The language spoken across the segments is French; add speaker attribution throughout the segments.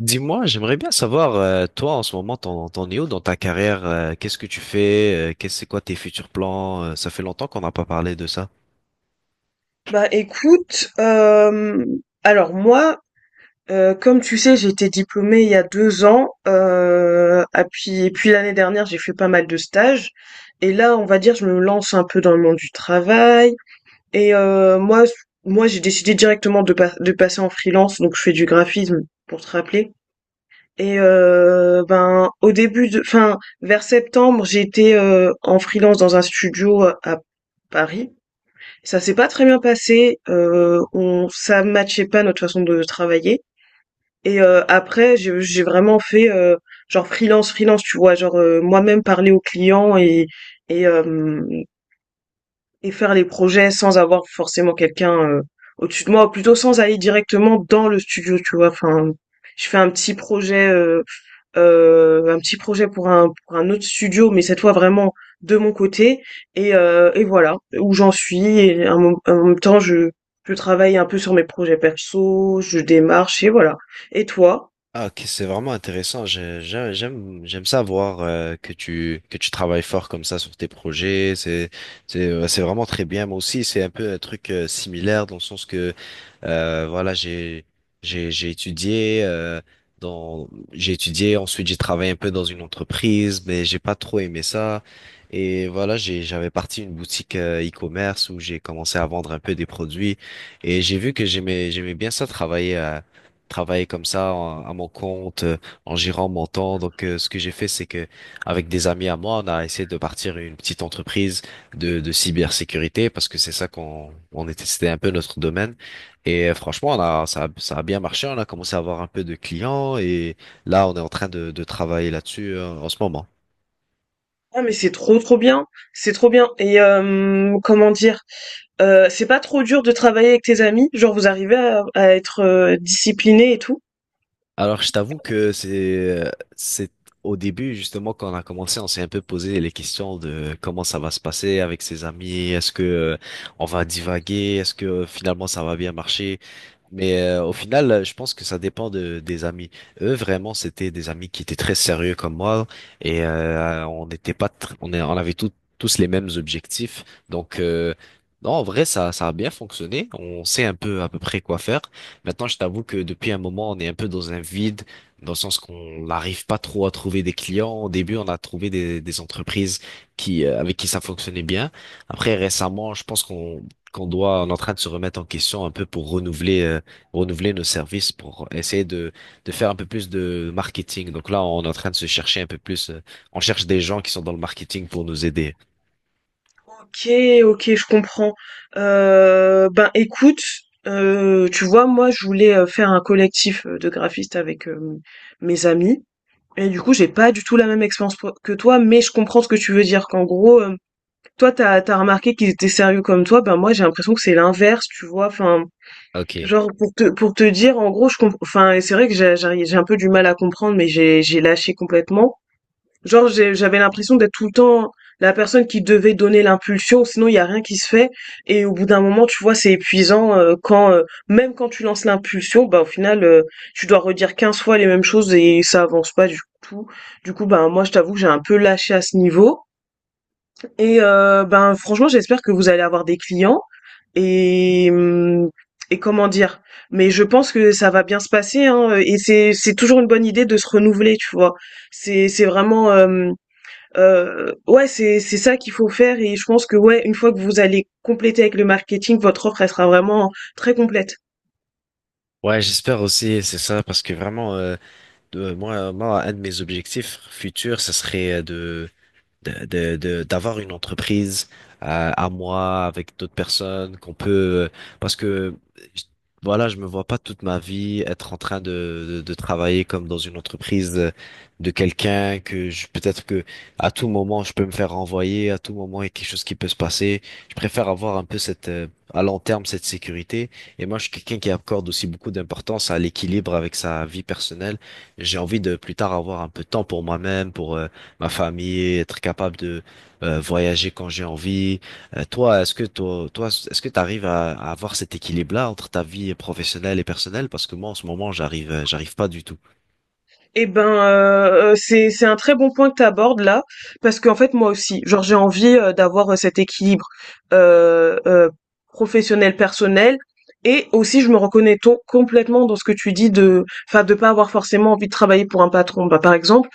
Speaker 1: Dis-moi, j'aimerais bien savoir, toi en ce moment, t'en es où dans ta carrière? Qu'est-ce que tu fais? C'est quoi tes futurs plans? Ça fait longtemps qu'on n'a pas parlé de ça.
Speaker 2: Bah écoute, alors moi, comme tu sais, j'ai été diplômée il y a 2 ans, ah puis et puis l'année dernière, j'ai fait pas mal de stages et là, on va dire, je me lance un peu dans le monde du travail et heu, moi, moi, j'ai décidé directement de pas de passer en freelance, donc je fais du graphisme, pour te rappeler ben, au début de enfin, vers septembre, j'étais, en freelance dans un studio à Paris. Ça s'est pas très bien passé, on ça matchait pas notre façon de travailler après je j'ai vraiment fait, genre freelance, freelance, tu vois? Genre, moi-même parler aux clients et hem et faire les projets sans avoir forcément quelqu'un, au-dessus de moi, ou plutôt sans aller directement dans le studio, tu vois? Enfin, je fais un petit projet pour un autre studio, mais cette fois vraiment de mon côté. Et voilà où j'en suis. Et en, en même temps, je travaille un peu sur mes projets perso, je démarche et voilà. Et toi?
Speaker 1: Ah, ok, c'est vraiment intéressant. J'aime, j'aime ça voir que tu travailles fort comme ça sur tes projets. C'est vraiment très bien. Moi aussi, c'est un peu un truc similaire dans le sens que voilà, j'ai étudié dans j'ai étudié, ensuite j'ai travaillé un peu dans une entreprise, mais j'ai pas trop aimé ça. Et voilà, j'avais parti une boutique e-commerce où j'ai commencé à vendre un peu des produits et j'ai vu que j'aimais bien ça travailler comme ça à mon compte, en gérant mon temps. Donc, ce que j'ai fait, c'est que avec des amis à moi, on a essayé de partir une petite entreprise de cybersécurité parce que c'est ça qu'on on était, c'était un peu notre domaine. Et franchement, on a, ça, a- ça a bien marché. On a commencé à avoir un peu de clients et là, on est en train de travailler là-dessus en ce moment.
Speaker 2: Ah mais c'est trop trop bien, c'est trop bien. Comment dire, c'est pas trop dur de travailler avec tes amis, genre vous arrivez à être discipliné et tout?
Speaker 1: Alors, je t'avoue que c'est au début justement quand on a commencé, on s'est un peu posé les questions de comment ça va se passer avec ses amis, est-ce que on va divaguer, est-ce que finalement ça va bien marcher. Mais au final, je pense que ça dépend des amis. Eux, vraiment, c'était des amis qui étaient très sérieux comme moi et on n'était pas, tr- on, est- on avait tous les mêmes objectifs. Donc non, en vrai, ça a bien fonctionné. On sait un peu à peu près quoi faire. Maintenant, je t'avoue que depuis un moment, on est un peu dans un vide, dans le sens qu'on n'arrive pas trop à trouver des clients. Au début, on a trouvé des entreprises qui, avec qui ça fonctionnait bien. Après, récemment, je pense qu'on qu'on doit, on est en train de se remettre en question un peu pour renouveler, renouveler nos services, pour essayer de faire un peu plus de marketing. Donc là, on est en train de se chercher un peu plus. On cherche des gens qui sont dans le marketing pour nous aider.
Speaker 2: OK, OK, je comprends. Ben, écoute, tu vois, moi, je voulais, faire un collectif, de graphistes avec, mes amis et du coup, j'ai pas du tout la même expérience po que toi, mais je comprends ce que tu veux dire, qu'en gros, toi, t'as remarqué qu'ils étaient sérieux comme toi. Ben, moi, j'ai l'impression que c'est l'inverse, tu vois?
Speaker 1: Ok.
Speaker 2: Genre pour te dire en gros je comp enfin, et c'est vrai que j'ai un peu du mal à comprendre, mais j'ai lâché complètement. Genre j'avais l'impression d'être tout le temps la personne qui devait donner l'impulsion sinon il y a rien qui se fait, et au bout d'un moment tu vois c'est épuisant, quand même quand tu lances l'impulsion, bah au final, tu dois redire 15 fois les mêmes choses et ça avance pas du tout. Du coup, bah moi je t'avoue que j'ai un peu lâché à ce niveau ben franchement, j'espère que vous allez avoir des clients et hum, et comment dire. Mais je pense que ça va bien se passer hein, et c'est toujours une bonne idée de se renouveler, tu vois. C'est vraiment Ouais, c'est ça qu'il faut faire et je pense que, ouais, une fois que vous allez compléter avec le marketing, votre offre, elle sera vraiment très complète.
Speaker 1: Ouais, j'espère aussi, c'est ça, parce que vraiment, moi, un de mes objectifs futurs, ça serait d'avoir une entreprise à moi avec d'autres personnes qu'on peut parce que je- voilà, je me vois pas toute ma vie être en train de travailler comme dans une entreprise de quelqu'un. Que je peut-être que À tout moment je peux me faire renvoyer, à tout moment il y a quelque chose qui peut se passer. Je préfère avoir un peu cette à long terme cette sécurité. Et moi je suis quelqu'un qui accorde aussi beaucoup d'importance à l'équilibre avec sa vie personnelle. J'ai envie de plus tard avoir un peu de temps pour moi-même, pour ma famille, être capable de voyager quand j'ai envie. Toi, est-ce que est-ce que tu arrives à avoir cet équilibre-là entre ta vie professionnelle et personnelle? Parce que moi, en ce moment, j'arrive pas du tout.
Speaker 2: Eh ben, c'est un très bon point que tu abordes là, parce qu'en fait moi aussi, genre j'ai envie d'avoir cet équilibre euh, euh, professionnel personnel, et aussi je me reconnais complètement dans ce que tu dis, de, enfin, de pas avoir forcément envie de travailler pour un patron. Bah par exemple,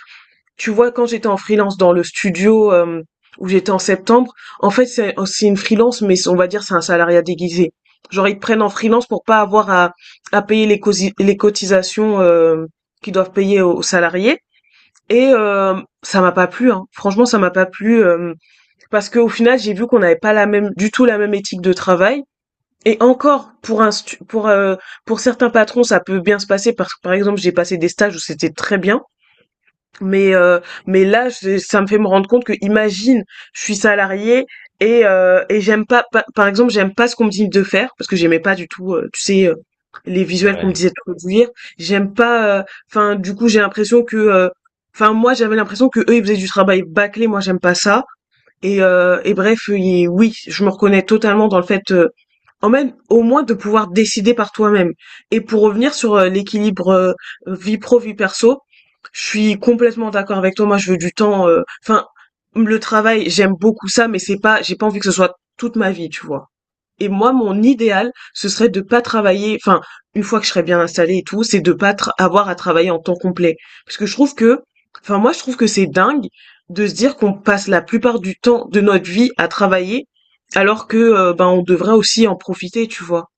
Speaker 2: tu vois, quand j'étais en freelance dans le studio, où j'étais en septembre, en fait, c'est une freelance, mais c'est on va dire c'est un salariat déguisé. Genre, ils te prennent en freelance pour pas avoir à payer les cosi les cotisations, qu'ils doivent payer aux aux salariés ça m'a pas plu, hein. Franchement, ça m'a pas plu, parce qu'au final, j'ai vu qu'on n'avait pas la même du tout la même éthique de travail, et encore pour un stu pour certains patrons, ça peut bien se passer parce que, par exemple, j'ai passé des stages où c'était très bien, mais heu, mais là, c'est ça me fait me rendre compte que, imagine, je suis salariée et j'aime pas pa par exemple, j'aime pas ce qu'on me dit de faire parce que j'aimais pas du tout, les visuels qu'on me
Speaker 1: Ouais.
Speaker 2: disait de produire. J'aime pas, enfin, du coup, j'ai l'impression que, enfin, moi, j'avais l'impression que eux ils faisaient du travail bâclé, moi, j'aime pas ça. Et bref, et oui, je me reconnais totalement dans le fait, en même au moins de pouvoir décider par toi-même. Et pour revenir sur, l'équilibre, vie pro, vie perso, je suis complètement d'accord avec toi. Moi, je veux du temps, enfin, le travail, j'aime beaucoup ça, mais c'est pas j'ai pas envie que ce soit toute ma vie, tu vois? Et moi, mon idéal, ce serait de pas travailler, enfin, une fois que je serais bien installée et tout, c'est de pas tra- avoir à travailler en temps complet. Parce que je trouve que, enfin, moi, je trouve que c'est dingue de se dire qu'on passe la plupart du temps de notre vie à travailler, alors que, ben, on devrait aussi en profiter, tu vois.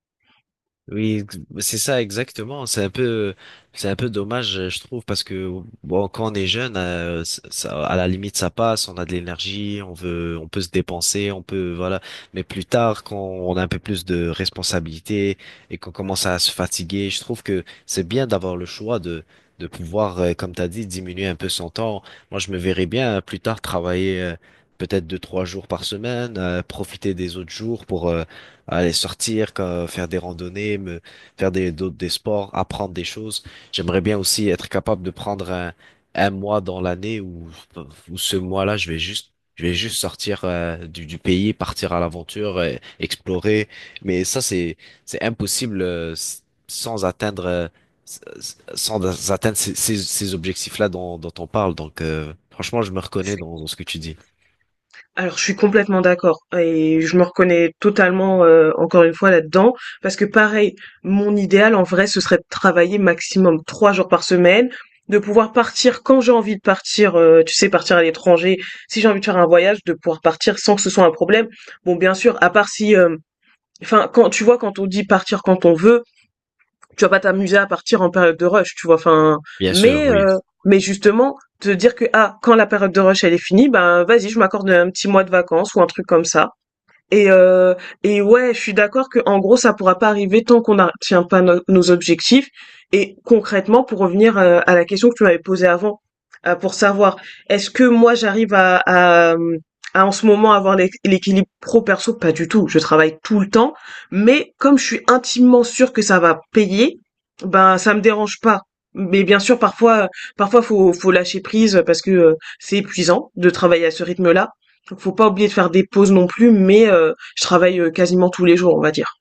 Speaker 1: Bah, c'est ça exactement. C'est un peu dommage, je trouve, parce que bon, quand on est jeune, à la limite, ça passe. On a de l'énergie, on veut, on peut se dépenser, on peut, voilà. Mais plus tard, quand on a un peu plus de responsabilités et qu'on commence à se fatiguer, je trouve que c'est bien d'avoir le choix de pouvoir, comme t'as dit, diminuer un peu son temps. Moi, je me verrais bien plus tard travailler. Peut-être deux, trois jours par semaine, profiter des autres jours pour, aller sortir, quoi, faire des randonnées, faire des sports, apprendre des choses. J'aimerais bien aussi être capable de prendre un mois dans l'année où ce mois-là, je vais juste sortir du pays, partir à l'aventure, explorer. Mais ça, c'est impossible sans atteindre ces objectifs-là dont on parle. Donc, franchement, je me reconnais dans ce que tu dis.
Speaker 2: Alors, je suis complètement d'accord et je me reconnais totalement, encore une fois là-dedans, parce que pareil, mon idéal en vrai, ce serait de travailler maximum 3 jours par semaine, de pouvoir partir quand j'ai envie de partir, tu sais, partir à l'étranger. Si j'ai envie de faire un voyage, de pouvoir partir sans que ce soit un problème. Bon, bien sûr, à part si, hem enfin, quand tu vois, quand on dit partir quand on veut, tu vas pas t'amuser à partir en période de rush, tu vois.
Speaker 1: Bien sûr,
Speaker 2: Mais
Speaker 1: oui.
Speaker 2: euh, mais justement te dire que ah quand la période de rush elle est finie, ben vas-y, je m'accorde un petit mois de vacances ou un truc comme ça. Et, euh, et ouais, je suis d'accord que en gros, ça pourra pas arriver tant qu'on n'atteint pas nos objectifs. Et concrètement, pour revenir à la question que tu m'avais posée avant, pour savoir est-ce que moi j'arrive à en ce moment avoir l'équilibre pro-perso? Pas du tout. Je travaille tout le temps, mais comme je suis intimement sûre que ça va payer, ben ça me dérange pas. Mais bien sûr, parfois, parfois faut lâcher prise parce que c'est épuisant de travailler à ce rythme-là. Donc faut pas oublier de faire des pauses non plus, mais je travaille quasiment tous les jours, on va dire.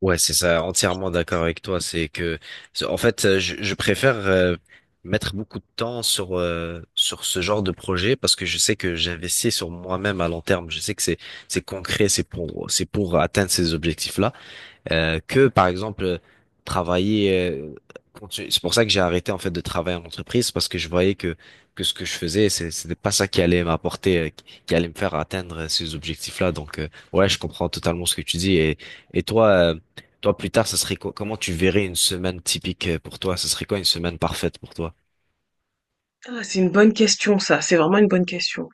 Speaker 1: Ouais, c'est ça, entièrement d'accord avec toi. En fait, je préfère mettre beaucoup de temps sur sur ce genre de projet parce que je sais que j'investis sur moi-même à long terme. Je sais que c'est concret, c'est pour atteindre ces objectifs-là que par exemple travailler. euh, c'est pour ça que j'ai arrêté en fait de travailler en entreprise parce que je voyais que ce que je faisais, c'était pas ça qui allait m'apporter, qui allait me faire atteindre ces objectifs-là. Donc ouais, je comprends totalement ce que tu dis. Et toi, plus tard, comment tu verrais une semaine typique pour toi? Ce serait quoi une semaine parfaite pour toi?
Speaker 2: Ah, c'est une bonne question, ça. C'est vraiment une bonne question.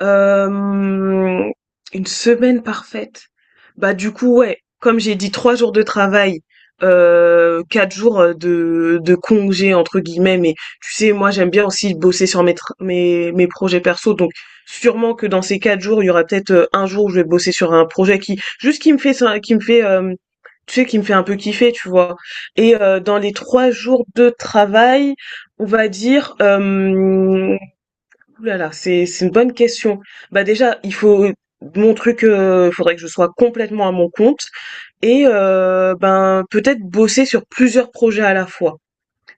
Speaker 2: Hem, une semaine parfaite? Bah, du coup, ouais, comme j'ai dit 3 jours de travail, 4 jours, de «congés» entre guillemets, mais tu sais, moi, j'aime bien aussi bosser sur mes tr mes mes projets perso, donc sûrement que dans ces 4 jours, il y aura peut-être, 1 jour où je vais bosser sur un projet qui me fait ça qui me fait un peu kiffer, tu vois? Dans les 3 jours de travail, on va dire, hem ouh là là, c'est une bonne question. Bah déjà, il faut mon truc, faudrait que je sois complètement à mon compte ben peut-être bosser sur plusieurs projets à la fois.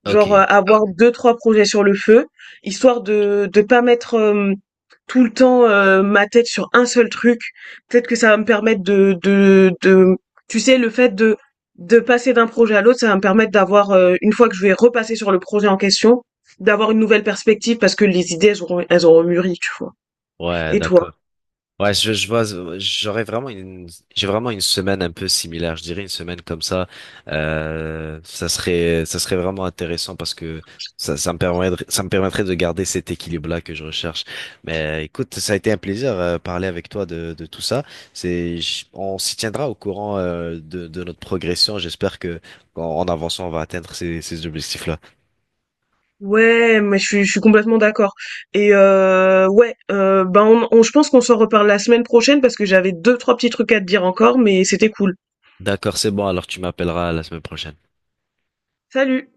Speaker 1: Ok,
Speaker 2: Genre, avoir deux trois projets sur le feu, histoire de pas mettre, tout le temps, ma tête sur un seul truc. Peut-être que ça va me permettre de tu sais, le fait de passer d'un projet à l'autre, ça va me permettre d'avoir, une fois que je vais repasser sur le projet en question, d'avoir une nouvelle perspective parce que les idées, elles auront mûri, tu vois?
Speaker 1: ouais,
Speaker 2: Et toi?
Speaker 1: d'accord. Ouais, je vois, j'aurais vraiment une, j'ai vraiment une semaine un peu similaire. Je dirais une semaine comme ça. Ça serait vraiment intéressant parce que ça me permettrait de garder cet équilibre-là que je recherche. Mais écoute, ça a été un plaisir parler avec toi de tout ça. On s'y tiendra au courant de notre progression. J'espère que en avançant, on va atteindre ces objectifs-là.
Speaker 2: Ouais, mais je suis complètement d'accord ben, on je pense qu'on s'en reparle la semaine prochaine parce que j'avais deux trois petits trucs à te dire encore, mais c'était cool.
Speaker 1: D'accord, c'est bon, alors tu m'appelleras la semaine prochaine.
Speaker 2: Salut.